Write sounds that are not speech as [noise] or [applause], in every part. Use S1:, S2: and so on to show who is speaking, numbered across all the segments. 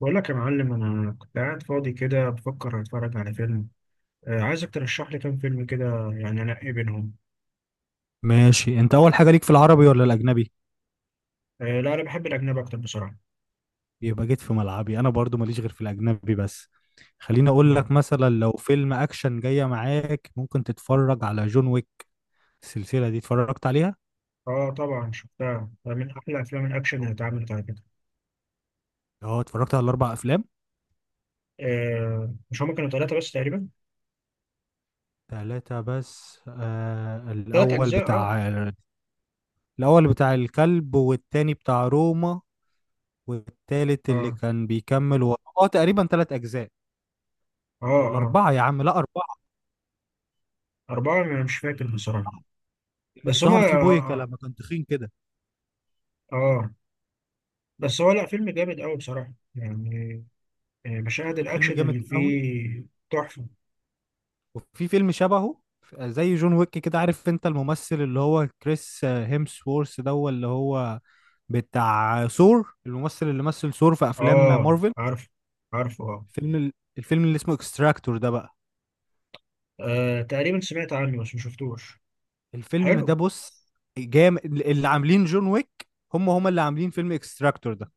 S1: بقول لك يا معلم، انا كنت قاعد فاضي كده بفكر اتفرج على فيلم. عايزك ترشح لي كام فيلم كده. يعني انقي بينهم.
S2: ماشي، انت اول حاجه ليك في العربي ولا الاجنبي؟
S1: آه لا، انا بحب الاجنبي اكتر بصراحه.
S2: يبقى جيت في ملعبي، انا برضو ماليش غير في الاجنبي بس. خليني اقول
S1: اه
S2: لك مثلا، لو فيلم اكشن جايه معاك ممكن تتفرج على جون ويك. السلسله دي اتفرجت عليها؟
S1: اه، طبعا شفتها، ده من احلى افلام الاكشن اللي اتعملت على كده.
S2: اه، اتفرجت على الاربع افلام.
S1: آه، مش هما كانوا ثلاثه بس تقريبا؟
S2: ثلاثه بس،
S1: ثلاث
S2: الاول
S1: اجزاء اه
S2: بتاع... الاول بتاع الكلب، والتاني بتاع روما، والتالت اللي
S1: اه
S2: كان بيكمل اه تقريبا ثلاث اجزاء
S1: اه
S2: ولا
S1: اه.
S2: اربعه؟ يا عم لا، اربعه
S1: اربعه، انا مش فاكر بصراحه.
S2: اللي
S1: بس هما
S2: ظهر فيه بويكا لما كان تخين كده.
S1: آه آه. بس هو لا، فيلم جامد قوي بصراحه يعني. مشاهد
S2: فيلم
S1: الاكشن اللي
S2: جامد قوي.
S1: فيه تحفه.
S2: وفي فيلم شبهه زي جون ويك كده، عارف انت الممثل اللي هو كريس هيمسورث ده؟ هو اللي هو بتاع ثور، الممثل اللي مثل ثور في افلام
S1: اه
S2: مارفل.
S1: عارف. عارفه آه.
S2: فيلم ال- الفيلم اللي اسمه اكستراكتور ده بقى،
S1: تقريبا سمعت عنه بس ما شفتوش.
S2: الفيلم ده
S1: حلو.
S2: بص، جامد. اللي عاملين جون ويك هم اللي عاملين فيلم اكستراكتور ده.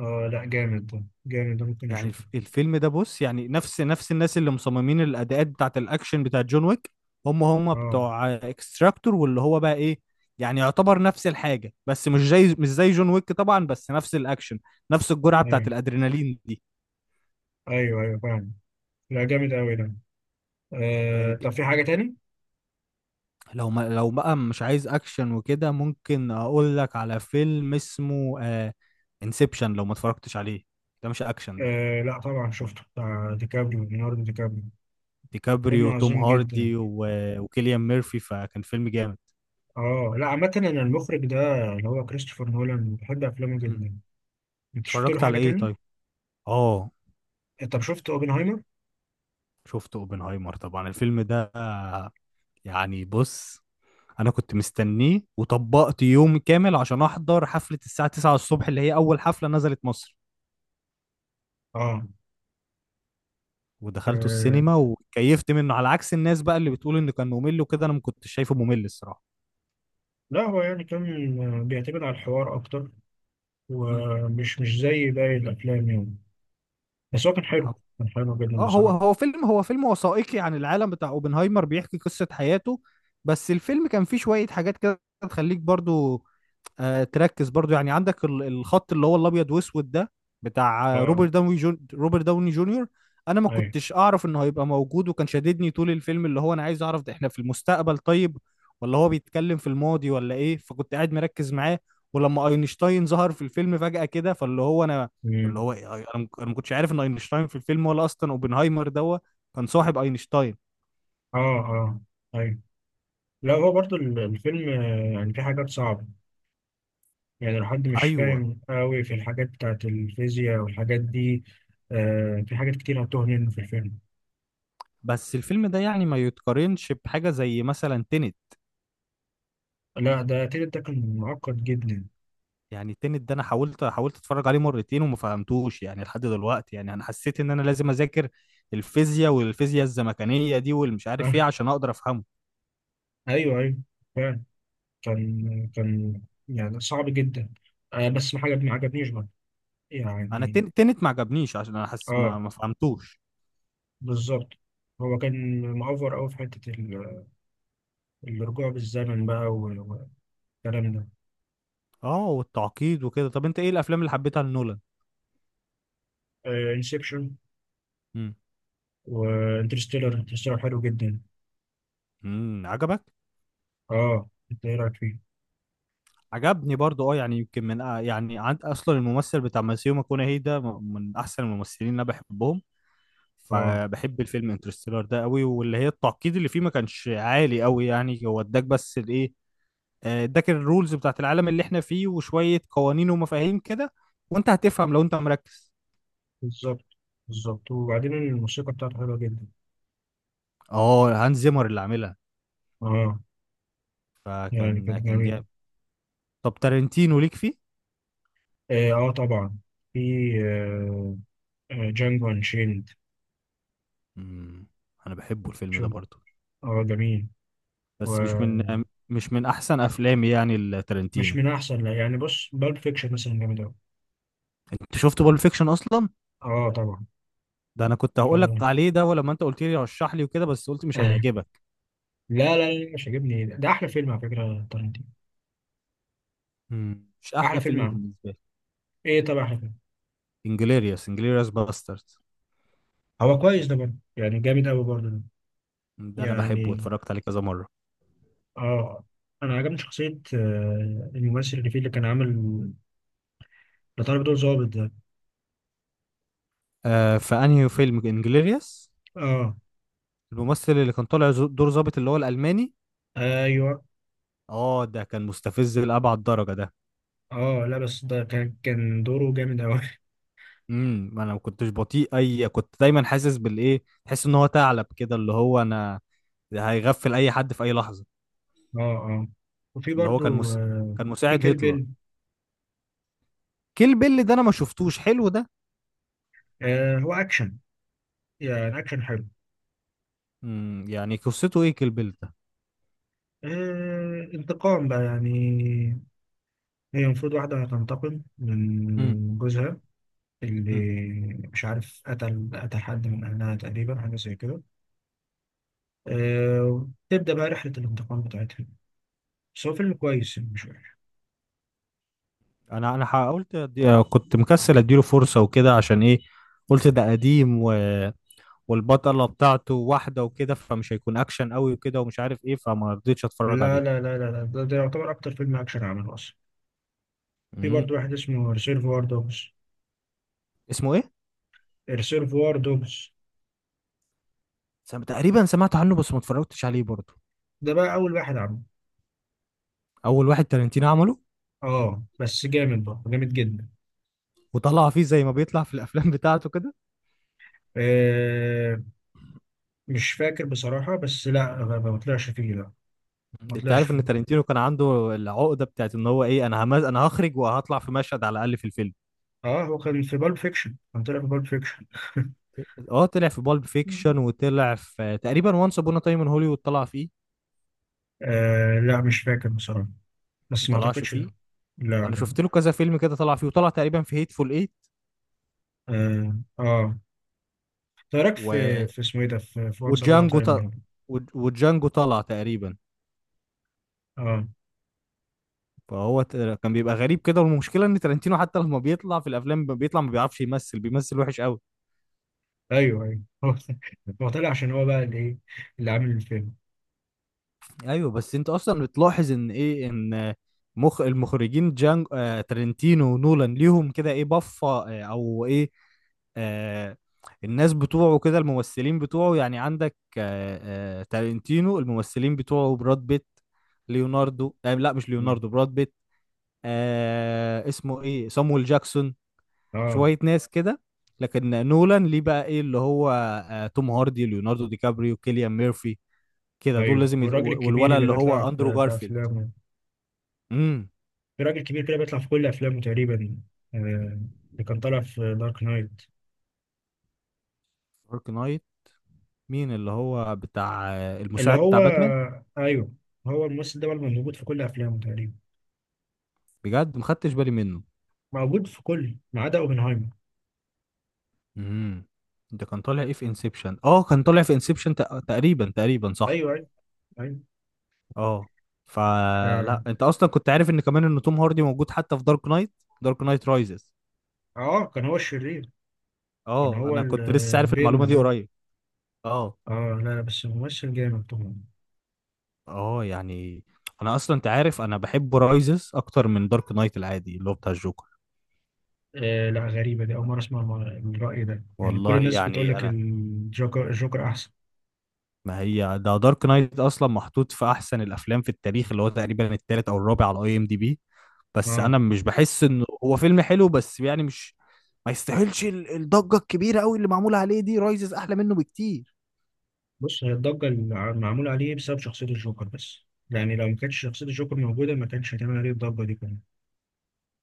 S1: اه لا جامد ده، جامد ده ممكن
S2: يعني
S1: اشوفه.
S2: الفيلم ده بص، يعني نفس الناس اللي مصممين الاداءات بتاعت الاكشن بتاعت جون ويك هم
S1: اه
S2: بتوع اكستراكتور، واللي هو بقى ايه، يعني يعتبر نفس الحاجه، بس مش زي جون ويك طبعا، بس نفس الاكشن، نفس الجرعه بتاعت
S1: ايوه،
S2: الادرينالين دي.
S1: ايوه ايوه فاهم. لا جامد قوي ده.
S2: آه، ج-
S1: طب في حاجة تاني؟
S2: لو ما لو بقى مش عايز اكشن وكده، ممكن اقول لك على فيلم اسمه انسبشن لو ما اتفرجتش عليه. ده مش اكشن ده.
S1: آه لا طبعا، شفته بتاع ديكابريو، ليوناردو ديكابريو. فيلم
S2: ديكابريو وتوم
S1: عظيم جدا.
S2: هاردي وكيليان ميرفي، فكان فيلم جامد.
S1: اه لا، عامة انا المخرج ده، اللي هو كريستوفر نولان، بحب افلامه
S2: مم.
S1: جدا. انت شفت له
S2: اتفرجت
S1: حاجة
S2: على ايه
S1: تاني؟
S2: طيب؟ اه،
S1: طب شفت اوبنهايمر؟
S2: شفت اوبنهايمر؟ طبعا الفيلم ده، يعني بص، انا كنت مستنيه وطبقت يوم كامل عشان احضر حفلة الساعة 9 الصبح، اللي هي اول حفلة نزلت مصر،
S1: اه.
S2: ودخلته
S1: آه،
S2: السينما وكيفت منه على عكس الناس بقى اللي بتقول انه كان ممل وكده. انا ما كنتش شايفه ممل الصراحة.
S1: لا هو يعني كان بيعتمد على الحوار اكتر،
S2: مم.
S1: ومش مش زي باقي الافلام يعني. بس هو كان
S2: ح-
S1: حلو. كان حلو جدا
S2: اه، هو
S1: بصراحة.
S2: هو فيلم هو فيلم وثائقي عن العالم بتاع اوبنهايمر، بيحكي قصة حياته. بس الفيلم كان فيه شوية حاجات كده تخليك برضو تركز. برضو يعني عندك الخط اللي هو الابيض واسود ده، بتاع
S1: اه
S2: روبرت داوني روبرت داوني جونيور. انا ما
S1: ايوه.
S2: كنتش اعرف انه هيبقى موجود، وكان شاددني طول الفيلم، اللي هو انا عايز اعرف ده احنا في المستقبل طيب ولا هو بيتكلم في الماضي ولا ايه. فكنت قاعد مركز معاه، ولما اينشتاين ظهر في الفيلم فجأة كده، فاللي هو انا، اللي
S1: مم.
S2: هو إيه؟ أنا ما كنتش عارف ان اينشتاين في الفيلم، ولا اصلا اوبنهايمر ده كان صاحب اينشتاين.
S1: اه اه ايوه. لا هو برضو الفيلم يعني في حاجات صعبة. يعني لو حد مش
S2: ايوه،
S1: فاهم قوي في الحاجات بتاعت الفيزياء والحاجات دي، في حاجات كتير هتوه منه في الفيلم.
S2: بس الفيلم ده يعني ما يتقارنش بحاجة زي مثلا تينت.
S1: لا ده تيتا، ده كان معقد جدا.
S2: يعني التنت ده انا حاولت اتفرج عليه مرتين وما فهمتوش، يعني لحد دلوقتي. يعني انا حسيت ان انا لازم اذاكر الفيزياء، والفيزياء الزمكانيه دي والمش عارف
S1: آه.
S2: ايه، عشان اقدر افهمه.
S1: ايوه ايوه فعلا. كان يعني صعب جدا. بس ما حاجة ما عجبنيش برضه
S2: انا
S1: يعني.
S2: التنت ما عجبنيش عشان انا حاسس
S1: اه
S2: ما فهمتوش.
S1: بالظبط. هو كان مأفور قوي في حتة الرجوع بالزمن بقى، والكلام ده.
S2: اه، والتعقيد وكده. طب انت ايه الافلام اللي حبيتها لنولان؟
S1: انسبشن.
S2: امم،
S1: وانترستيلر، انترستيلر حلو جدا.
S2: امم، عجبك؟
S1: اه انت ايه رايك فيه؟
S2: عجبني برضو اه، يعني يمكن من يعني، عند اصلا الممثل بتاع ماسيو ماكونهي ده، من احسن الممثلين اللي انا بحبهم.
S1: اه
S2: فبحب الفيلم انترستيلر ده قوي، واللي هي التعقيد اللي فيه ما كانش عالي قوي. يعني هو اداك بس الايه، اداك الرولز بتاعت العالم اللي احنا فيه، وشوية قوانين ومفاهيم كده، وانت هتفهم لو انت مركز.
S1: بالظبط. بالظبط، وبعدين الموسيقى بتاعته حلوه جدا.
S2: اه، هانز زيمر اللي عاملها.
S1: اه يعني
S2: فكان
S1: كانت
S2: كان
S1: جميله.
S2: جامد. طب تارنتينو ليك فيه؟
S1: اه آه طبعا. في. آه. جانجو انشيند.
S2: مم. انا بحبه الفيلم ده
S1: شوف.
S2: برضه،
S1: اه جميل.
S2: بس
S1: ومش
S2: مش من احسن افلامي يعني التارنتينو.
S1: من احسن، لا يعني بص، بالب فيكشن مثلا جامد اوي.
S2: انت شفت بالب فيكشن اصلا؟
S1: اه طبعا.
S2: ده انا كنت هقول
S1: آه.
S2: لك عليه ده، ولما انت قلت لي رشح لي وكده بس قلت مش
S1: [laughs]
S2: هيعجبك.
S1: لا لا لا، مش عاجبني ده، ده احلى فيلم على فكره تارنتينو.
S2: مش
S1: احلى
S2: احلى
S1: فيلم
S2: فيلم
S1: عنه.
S2: بالنسبه لي.
S1: ايه طبعا.
S2: انجليريوس باسترد،
S1: هو كويس ده برضه، يعني جامد قوي برضه ده.
S2: ده انا بحبه
S1: يعني
S2: واتفرجت عليه كذا مره.
S1: اه. انا عجبني شخصية الممثل اللي فيه، اللي كان عامل لطالب دور ظابط ده.
S2: آه، فانهي فيلم انجليريوس،
S1: اه
S2: الممثل اللي كان طالع دور ظابط اللي هو الالماني؟
S1: ايوه.
S2: اه، ده كان مستفز لابعد درجه ده.
S1: اه لا بس ده كان دوره جامد قوي. [laughs]
S2: امم، انا ما كنتش بطيء اي، كنت دايما حاسس بالايه، تحس ان هو ثعلب كده، اللي هو انا هيغفل اي حد في اي لحظه.
S1: اه اه، وفي
S2: اللي هو
S1: برضه
S2: كان
S1: في
S2: مساعد
S1: كيل
S2: هتلر.
S1: بيل.
S2: كيل بيل ده انا ما شفتوش، حلو ده؟
S1: آه هو اكشن، يعني اكشن حلو.
S2: امم، يعني قصته ايه كيل بيل ده؟
S1: انتقام بقى يعني. هي المفروض واحدة هتنتقم من جوزها، اللي
S2: امم،
S1: مش عارف قتل حد من أهلها تقريبا، حاجة زي كده. تبدأ بقى رحلة الانتقام بتاعتها. بس هو فيلم كويس، يعني مش وحش.
S2: انا كنت مكسل اديله فرصه وكده، عشان ايه، قلت ده قديم والبطله بتاعته واحده وكده، فمش هيكون اكشن قوي وكده، ومش عارف ايه، فما رضيتش اتفرج
S1: لا
S2: عليه.
S1: لا لا لا لا ده، ده يعتبر أكتر فيلم أكشن عمله أصلا. في
S2: امم،
S1: برضه واحد اسمه ريسيرفوار دوجز.
S2: اسمه ايه؟
S1: ريسيرفوار دوجز
S2: تقريبا سمعت عنه بس ما اتفرجتش عليه برضه.
S1: ده بقى أول واحد عمله.
S2: اول واحد تارنتينو عمله،
S1: اه بس جامد بقى، جامد جدا.
S2: وطلع فيه زي ما بيطلع في الافلام بتاعته كده.
S1: آه مش فاكر بصراحة، بس لا ما طلعش فيه، لا. ما
S2: انت
S1: طلعش
S2: عارف ان
S1: فيه.
S2: تارنتينو كان عنده العقده بتاعت ان هو ايه، انا هخرج وهطلع في مشهد على الاقل في الفيلم.
S1: اه هو كان في بالب فيكشن، كان طلع في بالب فيكشن. [laughs]
S2: اه، طلع في بالب فيكشن، وطلع في تقريبا وانس ابون تايم ان هوليوود طلع فيه.
S1: لا مش فاكر بصراحة،
S2: ما
S1: بس ما
S2: طلعش
S1: أعتقدش، لا.
S2: فيه. انا
S1: لا.
S2: شفت له كذا فيلم كده طلع فيه، وطلع تقريبا في هيتفول ايت
S1: لا. آه, آه. إيه رايك في
S2: و...
S1: اسمه ايه ده، في وانس ابون
S2: وجانجو ط...
S1: تايم هنا؟
S2: و... وجانجو طلع تقريبا.
S1: اه
S2: فهو كان بيبقى غريب كده. والمشكله ان ترنتينو حتى لما بيطلع في الافلام بيطلع ما بيعرفش يمثل، بيمثل وحش قوي.
S1: ايوه ايوه. [laughs] هو طلع عشان هو بقى اللي ايه، اللي عامل الفيلم.
S2: ايوه، بس انت اصلا بتلاحظ ان ايه، مخ المخرجين جان آه ترنتينو ونولان ليهم كده ايه، بفه آه او ايه آه الناس بتوعه كده، الممثلين بتوعه. يعني عندك تارنتينو، الممثلين بتوعه براد بيت، ليوناردو، لا مش ليوناردو، براد بيت، اسمه ايه، صامويل جاكسون،
S1: اه
S2: شوية ناس كده. لكن نولان ليه بقى ايه، اللي هو توم هاردي، ليوناردو دي كابريو، كيليان ميرفي كده، دول
S1: ايوه،
S2: لازم
S1: والراجل
S2: والولد
S1: الكبير اللي
S2: اللي
S1: بيطلع
S2: هو اندرو
S1: في
S2: جارفيلد.
S1: افلامه.
S2: امم،
S1: في راجل كبير كده بيطلع في كل افلامه تقريبا. اللي كان طالع في دارك نايت،
S2: دارك نايت، مين اللي هو بتاع
S1: اللي
S2: المساعد
S1: هو.
S2: بتاع باتمان؟
S1: ايوه. هو الممثل ده بقى موجود في كل افلامه تقريبا.
S2: بجد ما خدتش بالي منه.
S1: موجود في كل ما عدا اوبنهايمر.
S2: امم، ده كان طالع ايه في انسبشن، اه كان طالع في انسبشن تقريبا، صح.
S1: ايوه ايوه ايوه.
S2: اه، فلا
S1: اه,
S2: انت اصلا كنت عارف ان كمان ان توم هاردي موجود حتى في دارك نايت، دارك نايت رايزز؟
S1: آه. كان هو الشرير. كان
S2: اه،
S1: هو
S2: انا كنت لسه عارف المعلومه
S1: البن
S2: دي
S1: ده.
S2: قريب. اه
S1: اه لا لا، بس ممثل جامد طبعا.
S2: اه، يعني انا اصلا، انت عارف انا بحب رايزز اكتر من دارك نايت العادي اللي هو بتاع الجوكر.
S1: لا غريبة دي، أول مرة أسمع الرأي ده، يعني كل
S2: والله
S1: الناس بتقول
S2: يعني
S1: لك
S2: انا،
S1: الجوكر الجوكر أحسن.
S2: ما هي ده دارك نايت اصلا محطوط في احسن الافلام في التاريخ، اللي هو تقريبا التالت او الرابع على اي ام دي بي، بس
S1: آه
S2: انا مش بحس انه هو فيلم حلو، بس يعني مش، ما يستاهلش الضجة الكبيرة قوي اللي معمولة عليه دي. رايزز احلى منه بكتير.
S1: بص، هي الضجة اللي معمولة عليه بسبب شخصية الجوكر بس. يعني لو ما كانتش شخصية الجوكر موجودة، ما كانش هتعمل عليه الضجة دي كمان.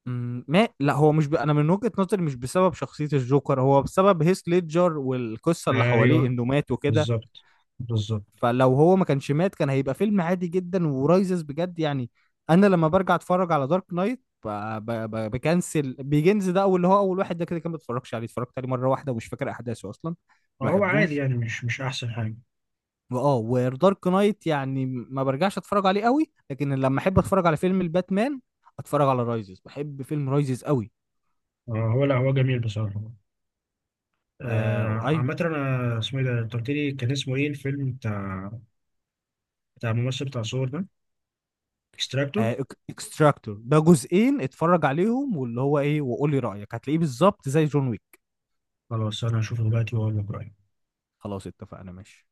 S2: أمم، ما لا هو مش ب... انا من وجهة نظري مش بسبب شخصية الجوكر، هو بسبب هيث ليدجر والقصة اللي حواليه
S1: أيوه
S2: انه مات وكده.
S1: بالظبط بالظبط.
S2: فلو هو ما كانش مات كان هيبقى فيلم عادي جدا. ورايزز بجد يعني، انا لما برجع اتفرج على دارك نايت بكنسل بيجنز ده، اول اللي هو اول واحد ده كده، كان ما اتفرجش عليه، اتفرجت عليه مره واحده ومش فاكر احداثه اصلا، ما
S1: هو عادي،
S2: بحبوش.
S1: يعني مش أحسن حاجة.
S2: واه، ودارك نايت يعني ما برجعش اتفرج عليه قوي، لكن لما احب اتفرج على فيلم الباتمان اتفرج على رايزز، بحب فيلم رايزز قوي.
S1: هو لا هو جميل بصراحة.
S2: آه ايوه،
S1: عامة أنا اسمه إيه ده، أنت قلت لي كان اسمه إيه الفيلم بتاع الممثل بتاع صور ده؟ اكستراكتور.
S2: آه اكستراكتور، ده جزئين اتفرج عليهم واللي هو ايه وقولي رايك، هتلاقيه بالظبط زي جون ويك.
S1: خلاص، أنا هشوفه دلوقتي وأقول لك رأيي.
S2: خلاص اتفقنا، ماشي.